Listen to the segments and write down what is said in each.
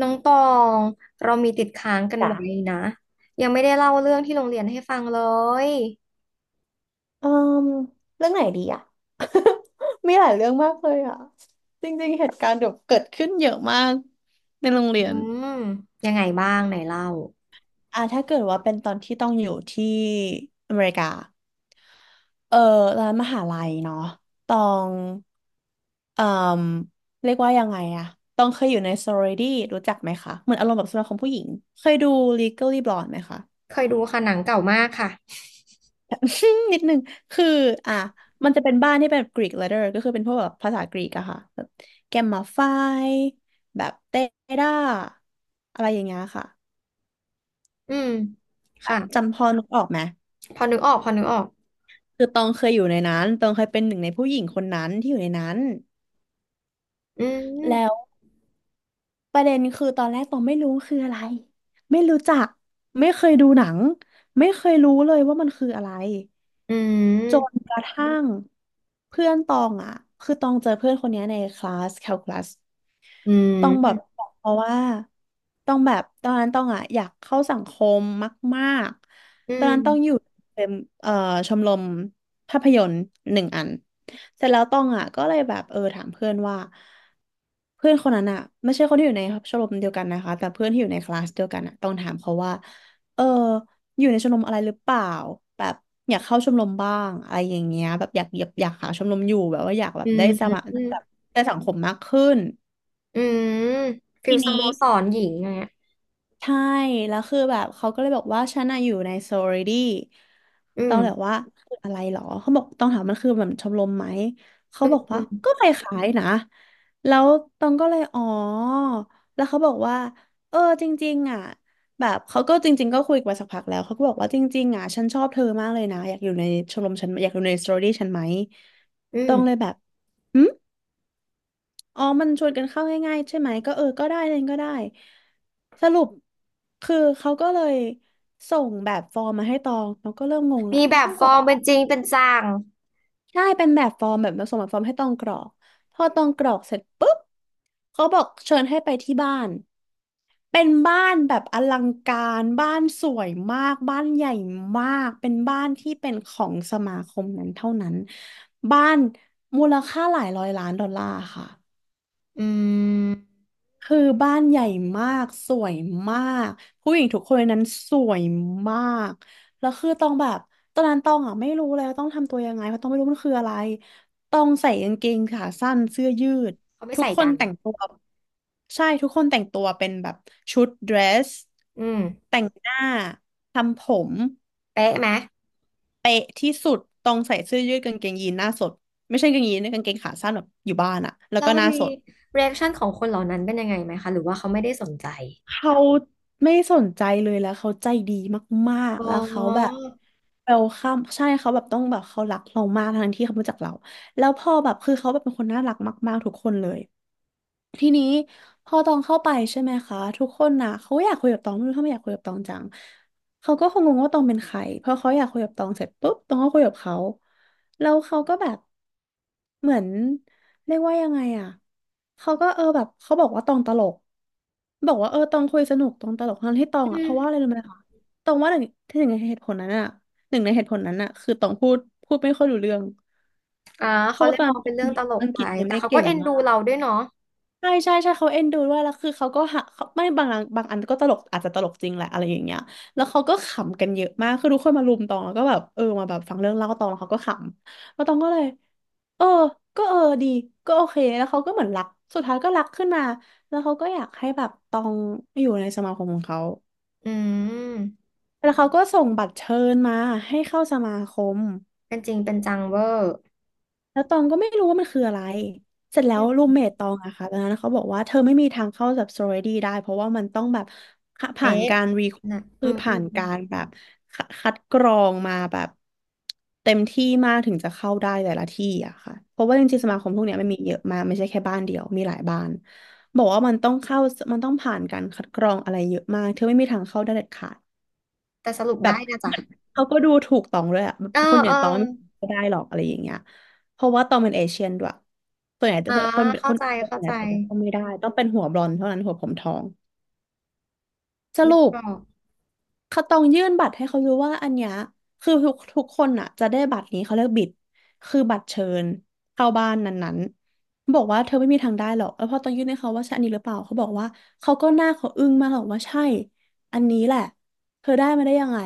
น้องตองเรามีติดค้างกันจ้ะไว้นะยังไม่ได้เล่าเรื่องที่โรงเรียนให้ฟังเลยเอ่มเรื่องไหนดีอ่ะ มีหลายเรื่องมากเลยอ่ะจริงๆเหตุการณ์เดี๋ยวเกิดขึ้นเยอะมากในโรงเรีอืยนมยังไงบ้างไหนเล่าถ้าเกิดว่าเป็นตอนที่ต้องอยู่ที่อเมริกาเออร้านมหาลัยเนาะตองเอ่มเรียกว่ายังไงอะตองเคยอยู่ใน sorority รู้จักไหมคะเหมือนอารมณ์แบบสมาคมผู้หญิงเคยดู Legally Blonde ไหมคะ เคยดูค่ะหนังเก่ามากค่ะ นิดนึงคืออ่ะมันจะเป็นบ้านที่เป็น Greek letter ก็คือเป็นพวกแบบภาษากรีกอะค่ะแบบแกมมาไฟแบบเตด้าอะไรอย่างเงี้ยค่ะอืมค่ะจำพอนึกออกไหมพอนึกออกพอนึกออกคือตองเคยอยู่ในนั้นตองเคยเป็นหนึ่งในผู้หญิงคนนั้นที่อยู่ในนั้นอืแล้วมประเด็นคือตอนแรกตองไม่รู้คืออะไรไม่รู้จักไม่เคยดูหนังไม่เคยรู้เลยว่ามันคืออะไรอืจนมกระทั่งเพื่อนตองอ่ะคือตองเจอเพื่อนคนเนี้ยในคลาสแคลคูลัส อืต้องแบบมเพราะว่าต้องแบบตอนนั้นต้องอ่ะอยากเข้าสังคมมากอืๆตอนนั้นต้องอยู่มเป็นเอ่อชมรมภาพยนตร์หนึ่งอันเสร็จแล้วต้องอ่ะก็เลยแบบเออถามเพื่อนว่าเพื่อนคนนั้นอ่ะไม่ใช่คนที่อยู่ในชมรมเดียวกันนะคะแต่เพื่อนที่อยู่ในคลาสเดียวกันอ่ะต้องถามเขาว่าเอออยู่ในชมรมอะไรหรือเปล่าแบบอยากเข้าชมรมบ้างอะไรอย่างเงี้ยแบบอยากหาชมรมอยู่แบบว่าอยากแบอืบมอืมแบบได้สังคมมากขึ้นอืมฟิทีลสโมนี้ สรหญิงอย่างเงี้ยใช่แล้วคือแบบเขาก็เลยบอกว่าฉันอะอยู่ในโซลิดี้อืต้อมงแบบว่าคืออะไรหรอเขาบอกต้องถามมันคือแบบชมรมไหม เขาอืมบอกอืว่ามก็คล้ายๆนะแล้วตองก็เลยอ๋อแล้วเขาบอกว่าเออจริงๆอ่ะแบบเขาก็จริงๆก็คุยกันมาสักพักแล้วเขาก็บอกว่าจริงๆอ่ะฉันชอบเธอมากเลยนะอยากอยู่ในชมรมฉันอยากอยู่ในโซลิดี้ฉันไหมอืตมองเลยแบบ อ๋อมันชวนกันเข้าง่ายๆใช่ไหมก็เออก็ได้เล่นก็ได้สรุปคือเขาก็เลยส่งแบบฟอร์มมาให้ตองตองก็เริ่มงงละมีแบมันบต้องฟกรออร์มกเป็นจริงเป็นจังใช่เป็นแบบฟอร์มแบบส่งแบบฟอร์มให้ตองกรอกพอตองกรอกเสร็จปุ๊บเขาบอกเชิญให้ไปที่บ้านเป็นบ้านแบบอลังการบ้านสวยมากบ้านใหญ่มากเป็นบ้านที่เป็นของสมาคมนั้นเท่านั้นบ้านมูลค่าหลายร้อยล้านดอลลาร์ค่ะ อืมคือบ้านใหญ่มากสวยมากผู้หญิงทุกคนในนั้นสวยมากแล้วคือต้องแบบตอนนั้นต้องอ่ะไม่รู้แล้วต้องทำตัวยังไงเพราะต้องไม่รู้มันคืออะไรต้องใส่กางเกงขาสั้นเสื้อยืดเขาไม่ทุกใส่คนกันแต่งตัวใช่ทุกคนแต่งตัวเป็นแบบชุดเดรสอืมแต่งหน้าทำผมเป๊ะไหม เป๊ะที่สุดต้องใส่เสื้อยืดกางเกงยีนหน้าสดไม่ใช่กางเกงยีนนะกางเกงขาสั้นแบบอยู่บ้านอะแล้วแล้ก็วหน้ามีสด เรีแอคชั่นของคนเหล่านั้นเป็นยังไงไหมคะหรือว่าเขาไม่ได้สนใจเขาไม่สนใจเลยแล้วเขาใจดีมากอ๋ๆอแล้วเขาแบบเวลคัมใช่เขาแบบต้องแบบเขารักเรามากทั้งที่เขาไม่รู้จักเราแล้วพอแบบคือเขาแบบเป็นคนน่ารักมากๆทุกคนเลย ทีนี้พอตองเข้าไปใช่ไหมคะทุกคนนะเขาอยากคุยกับตองไม่รู้ทำไมอยากคุยกับตองจังเขาก็คงงงว่าตองเป็นใครเพราะเขาอยากคุยกับตองเสร็จปุ๊บตองก็คุยกับเขาแล้วเขาก็แบบเหมือนเรียกว่ายังไงอ่ะเขาก็เออแบบเขาบอกว่าตองตลกบอกว่าเออตองคุยสนุกตองตลกทั้งที่ตองอือ่ะเพราะว่าอะไรมรู้ไหมคะตองว่าหนึ่งในเหตุผลนั้นอ่ะหนึ่งในเหตุผลนั้นอ่ะคือตองพูดไม่ค่อยรู้เรื่องอ่าเพเขาราะเลว่าตยอนมนั้อนงเป็นเรื่องตลกอังกไปฤษยังแต่ไม่ได้เขาก็เก่งเอ็นมาดูก เราด้วยเนาะใช่เขาเอ็นดูด้วยแล้วคือเขาก็หาเขาไม่บางอันบางอันก็ตลกอาจจะตลกจริงแหละอะไรอย่างเงี้ยแล้วเขาก็ขำกันเยอะมากคือทุกคนมารุมตองแล้วก็แบบเออมาแบบฟังเรื่องเล่าตองแล้วเขาก็ขำแล้วตองก็เลยเออก็เออดีก็โอเคแล้วเขาก็เหมือนรักสุดท้ายก็รักขึ้นมาแล้วเขาก็อยากให้แบบตองอยู่ในสมาคมของเขาอืมแล้วเขาก็ส่งบัตรเชิญมาให้เข้าสมาคม เป็นจริงเป็นจังเวอร์แล้วตองก็ไม่รู้ว่ามันคืออะไรเสร็จแล้วรูมอืมเมทตองอะค่ะตอนนั้นเขาบอกว่าเธอไม่มีทางเข้าแบบสโตรดี้ได้เพราะว่ามันต้องแบบผ่านเอ๊ะการรีนะอืคือมอืผ่ามนอืกามรแบบคัดกรองมาแบบเต็มที่มากถึงจะเข้าได้แต่ละที่อะค่ะเพราะว่าจริงๆอืสมาคมมพวกเนี้ยมันมีเยอะมากไม่ใช่แค่บ้านเดียวมีหลายบ้านบอกว่ามันต้องเข้ามันต้องผ่านการคัดกรองอะไรเยอะมากเธอไม่มีทางเข้าได้เด็ดขาด แต่สรุปได้นะจ๊ะเขาก็ดูถูกตองด้วยอะเออคนอเอย่าองตองไม่ได้หรอกอะไรอย่างเงี้ยเพราะว่าตองเป็นเอเชียนด้วยส่วนใหญ่แตอ่าคนคเข้านใจส่วเข้านใหใจญ่แตต้องไม่ได้ต้องเป็นหัวบลอนด์เท่านั้นหัวผมทองสนึกรุปออกเขาต้องยื่นบัตรให้เขาดูว่าอันเนี้ยคือทุกคนอ่ะจะได้บัตรนี้เขาเรียกบิดคือบัตรเชิญเข้าบ้านนั้นๆบอกว่าเธอไม่มีทางได้หรอกแล้วพอต้องยื่นให้เขาว่าใช่อันนี้หรือเปล่าเขาบอกว่าเขาก็หน้าเขาอึ้งมากบอกว่าใช่อันนี้แหละเธอได้มาได้ยังไง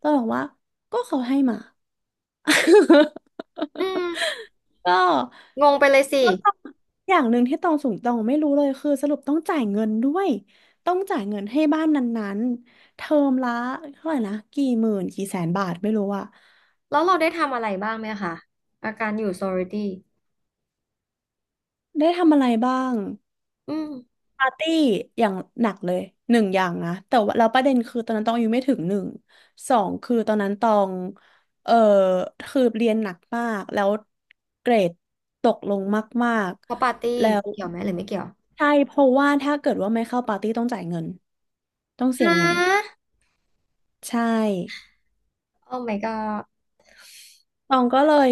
ต้องบอกว่าก็เขาให้มา อืมก็งงไปเลยสิแล้วอย่างหนึ่งที่ตองสูงตองไม่รู้เลยคือสรุปต้องจ่ายเงินด้วยต้องจ่ายเงินให้บ้านนั้นๆเทอมละเท่าไหร่นะกี่หมื่นกี่แสนบาทไม่รู้อะแล้วเราได้ทำอะไรบ้างไหมคะอาการอยู่ซอริตี้ได้ทำอะไรบ้าง อืมปาร์ตี้อย่างหนักเลยหนึ่งอย่างนะแต่ว่าเราวประเด็นคือตอนนั้นตองอายุไม่ถึงหนึ่งสองคือตอนนั้นตองเออคือเรียนหนักมากแล้วเกรดตกลงมากพอปาร์ตี้ๆแล้วเกี่ยวไหมหรือไม่เกี่ยวใช่เพราะว่าถ้าเกิดว่าไม่เข้าปาร์ตี้ต้องจ่ายเงินต้องเสียฮะ เงินใช่โอ้ my god ตองก็เลย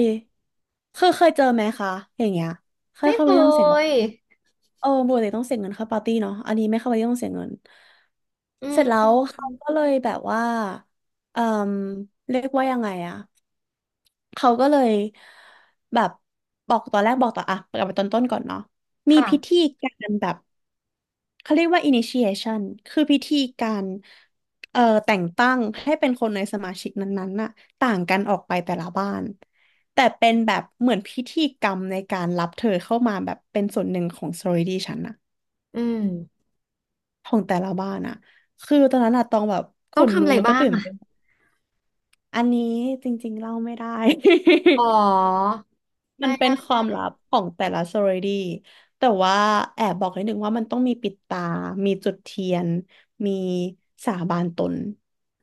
คือเคยเจอไหมคะอย่างเงี้ยเคยไม่เข้าเคไปต้องเสียง ยเออปกติต้องเสียเงินเข้าปาร์ตี้เนาะอันนี้ไม่เข้าปาร์ตี้ต้องเสียเงินอืเสมร็จแล้อืวมเขาก็เลยแบบว่าเออเรียกว่ายังไงอะเขาก็เลยแบบบอกตอนแรกบอกต่ออะกลับไปตอนต้นก่อนเนาะมีค่ะพิธีการแบบเขาเรียกว่า initiation คือพิธีการแต่งตั้งให้เป็นคนในสมาชิกนั้นๆน่ะต่างกันออกไปแต่ละบ้านแต่เป็นแบบเหมือนพิธีกรรมในการรับเธอเข้ามาแบบเป็นส่วนหนึ่งของ sorority ฉันอะ อืมของแต่ละบ้านอะคือตอนนั้นอะตองแบบขต้องนทำลุอะกไรแล้วก็บ้างตื่นอ่ะเต้นอันนี้จริงๆเล่าไม่ได้ อ๋อ มัได้นเป็ได้นความได้ลับของแต่ละ sorority แต่ว่าแอบบอกนิดนึงว่ามันต้องมีปิดตา มีจุดเทียน มีสาบานตน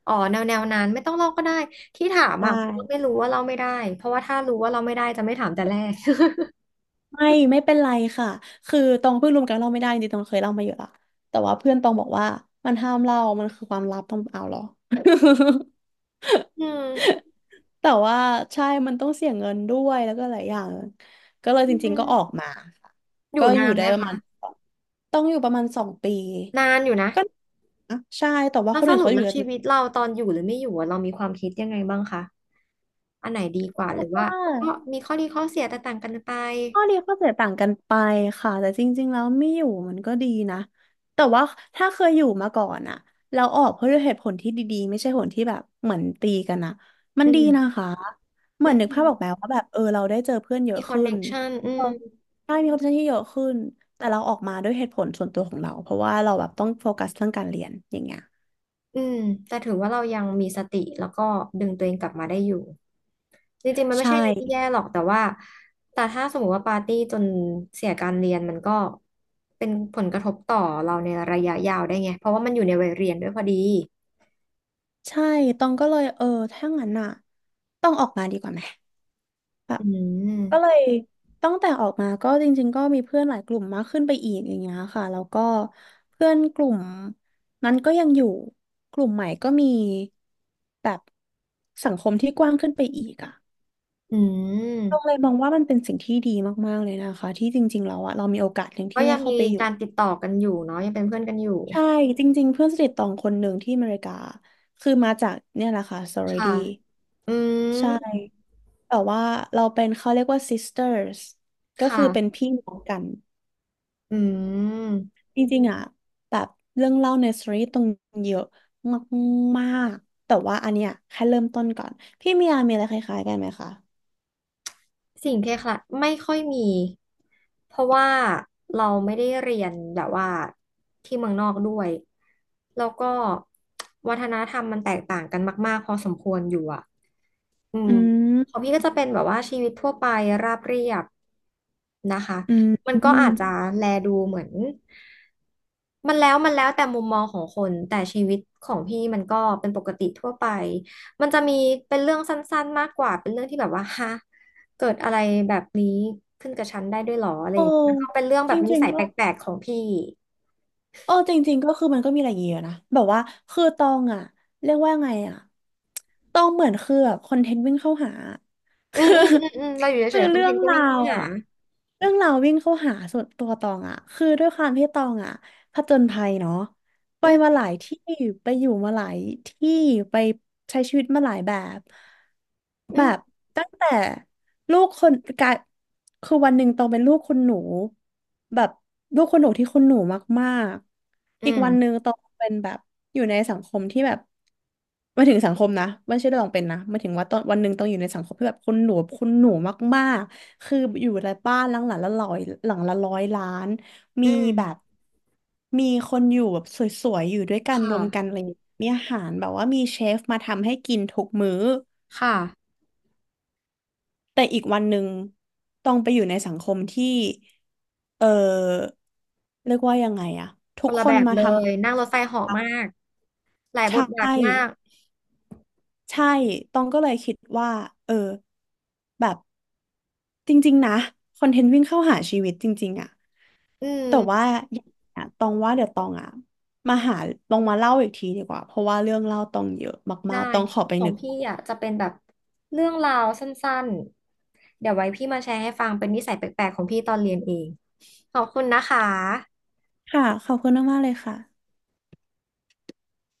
อ๋อแนวแนวนั้นไม่ต้องลอกก็ได้ที่ถามใชอ่ะเพราะว่า่ไม่รู้ว่าเราไม่ได้เพราะว่าถ้ารู้ว่าเราไม่ได้จะไม่ถามแต่แรก ไม่เป็นไรค่ะ คือตองเพิ่งรู้เหมือนกันเล่าไม่ได้จริงๆตองเคยเล่ามาเยอะละแต่ว่าเพื่อนตองบอกว่ามันห้ามเล่ามันคือความลับต้องเอาเหรอ อื มแต่ว่าใช่มันต้องเสียเงินด้วยแล้วก็หลายอย่างก็เลยอืจริงๆก็มออกมาค่ะอยู่ก็อนายู่นได้ไหมประคะมาณสองต้องอยู่ประมาณสองปีนานอยู่นะก็นะใช่แต่ว่าแล้วคนสอื่นรุปเขาอแล้ยู่วกันชีวิตเราตอนอยู่หรือไม่อยู่อะเรามีความคิดยังไงบ้างคะอันไหนดีกว่าหรือว่ว่าก็า มีข้อดีข้อเสียแตกต่างกันไปข้อดีข้อเสียต่างกันไปค่ะแต่จริงๆแล้วไม่อยู่มันก็ดีนะแต่ว่าถ้าเคยอยู่มาก่อนอะเราออกเพราะด้วยเหตุผลที่ดีๆไม่ใช่ผลที่แบบเหมือนตีกันอะมันอืดีนะมคะเหอมือนนึกืภาพออกไหมม ว่าแบบเออเราได้เจอเพื่อนเยมีอะคอนขึ้เน็นกชันอืเออมได้มีความสนที่เยอะขึ้นแต่เราออกมาด้วยเหตุผลส่วนตัวของเราเพราะว่าเราแบบต้องโฟกัสเรื่องการเรียนอย่างเงี้ยอืม แต่ถือว่าเรายังมีสติแล้วก็ดึงตัวเองกลับมาได้อยู่ จริงๆมันไม่ใช่ใช่อะไรที่แย่หรอกแต่ว่าแต่ถ้าสมมติว่าปาร์ตี้จนเสียการเรียนมันก็เป็นผลกระทบต่อเราในระยะยาวได้ไงเพราะว่ามันอยู่ในวัยเรียนด้วยพอดี ใช่ตองก็เลยถ้างั้นอะต้องออกมาดีกว่าไหมแบบ อืก็เลม ยตั้งแต่ออกมาก็จริงๆก็มีเพื่อนหลายกลุ่มมากขึ้นไปอีกอย่างเงี้ยค่ะแล้วก็เพื่อนกลุ่มนั้นก็ยังอยู่กลุ่มใหม่ก็มีแบบสังคมที่กว้างขึ้นไปอีกอ่ะอืตรงเลม ยมองว่ามันเป็นสิ่งที่ดีมากๆเลยนะคะที่จริงๆแล้วอะเรามีโอกาสหนึ่งก็ที่ได้ยังเข้ามีไปอยู่การติดต่อกันอยู่เนาะยังเป็นเพื่อนกันอยู่ใช่จริงๆเพื่อนสนิทตองคนหนึ่งที่อเมริกาคือมาจากเนี่ยแหละค่ะ ค่ะ sorority อืใช่มแต่ว่าเราเป็นเขาเรียกว่า sisters ก็คคือเป็น่ะพี่น้องกัน อืม จริงๆอ่ะแบบเรื่องเล่าในสตอรี่ตรงเยอะมากๆแต่ว่าอันเนี้ยแค่เริ่มต้นก่อนพี่มียามีอะไรคล้ายๆกันไหมคะสิ่งคล้ายๆไม่ค่อยมีเพราะว่าเราไม่ได้เรียนแบบว่าที่เมืองนอกด้วยแล้วก็วัฒนธรรมมันแตกต่างกันมากๆพอสมควรอยู่อ่ะอืมอืของมพี่ก็จะเป็นแบบว่าชีวิตทั่วไปราบเรียบนะคะอืมมันอืก็มอาจจะแลดูเหมือนมันแล้วมันแล้วแต่มุมมองของคนแต่ชีวิตของพี่มันก็เป็นปกติทั่วไปมันจะมีเป็นเรื่องสั้นๆมากกว่าเป็นเรื่องที่แบบว่าฮะ เกิดอะไรแบบนี้ขึ้นกับฉันได้ด้วยหรออะไรโอ้อย่างเงี้ยก็เป็นเรื่องจแบบนิริงสัๆยก็แปลกๆของพี่โอ้จริงๆก็คือมันก็มีอะไรอย่างเงี้ยอะนะแบบว่าคือตองอ่ะเรียกว่าไงอ่ะตองเหมือนคือแบบคอนเทนต์วิ่งเข้าหา อืมคือ อืมอืมอืมเราอยู่คืเฉอยๆคอนเรื่เทองนต์ก็ราวิ่งเข้าวหาอ่ะเรื่องราววิ่งเข้าหาส่วนตัวตองอ่ะคือด้วยความที่ตองอ่ะผจญภัยเนาะไปอืมาหมลายที่ไปอยู่มาหลายที่ไปใช้ชีวิตมาหลายแบบอืแบบมตั้งแต่ลูกคนกลายคือวันหนึ่งตองเป็นลูกคนหนูแบบลูกคนหนูที่คนหนูมากๆอือีกมวันหนึ่งตองเป็นแบบอยู่ในสังคมที่แบบ หมายถึงสังคมนะไม่ใช่เรื่องเป็นนะหมายถึงว่าตอนวันหนึ่งต้องอยู่ในสังคมที่แบบคนหนูมากๆคืออยู่ในบ้านหลังหลังละร้อยหลังละร้อยล้านอืมีแบบมมีคนอยู่แบบสวยๆอยู่ด้วยกัคนรวมกัน่ะอะไรอย่างเงี้ยมีอาหารแบบว่ามีเชฟมาทำให้กินทุกมื้อค่ะแต่อีกวันหนึ่งต้องไปอยู่ในสังคมที่ เออเรียกว่ายังไงอะคทุกนละคแบนบมาเลทยนั่งรถไฟเหาะมากหลายำ ใชบทบาทมา่ กใช่ตองก็เลยคิดว่า เออ แบบ จริงๆนะคอนเทนต์วิ่งเข้าหาชีวิตจริงๆอะอืแต่ว่ามอย่างเงี้ยตองว่าเดี๋ยวตองอะมาหาลองมาเล่าอีกทีดีกว่าเพราะว่าเรื่องเล่าตองเยอะมาได้กๆตองขอไปขอนึงกพี่อ่ะจะเป็นแบบเรื่องราวสั้นๆเดี๋ยวไว้พี่มาแชร์ให้ฟังเป็นนิสัยแปลกๆของพี่ตอนเรียนเองขอบคุณนะคะค่ะขอบคุณมากๆเลยค่ะ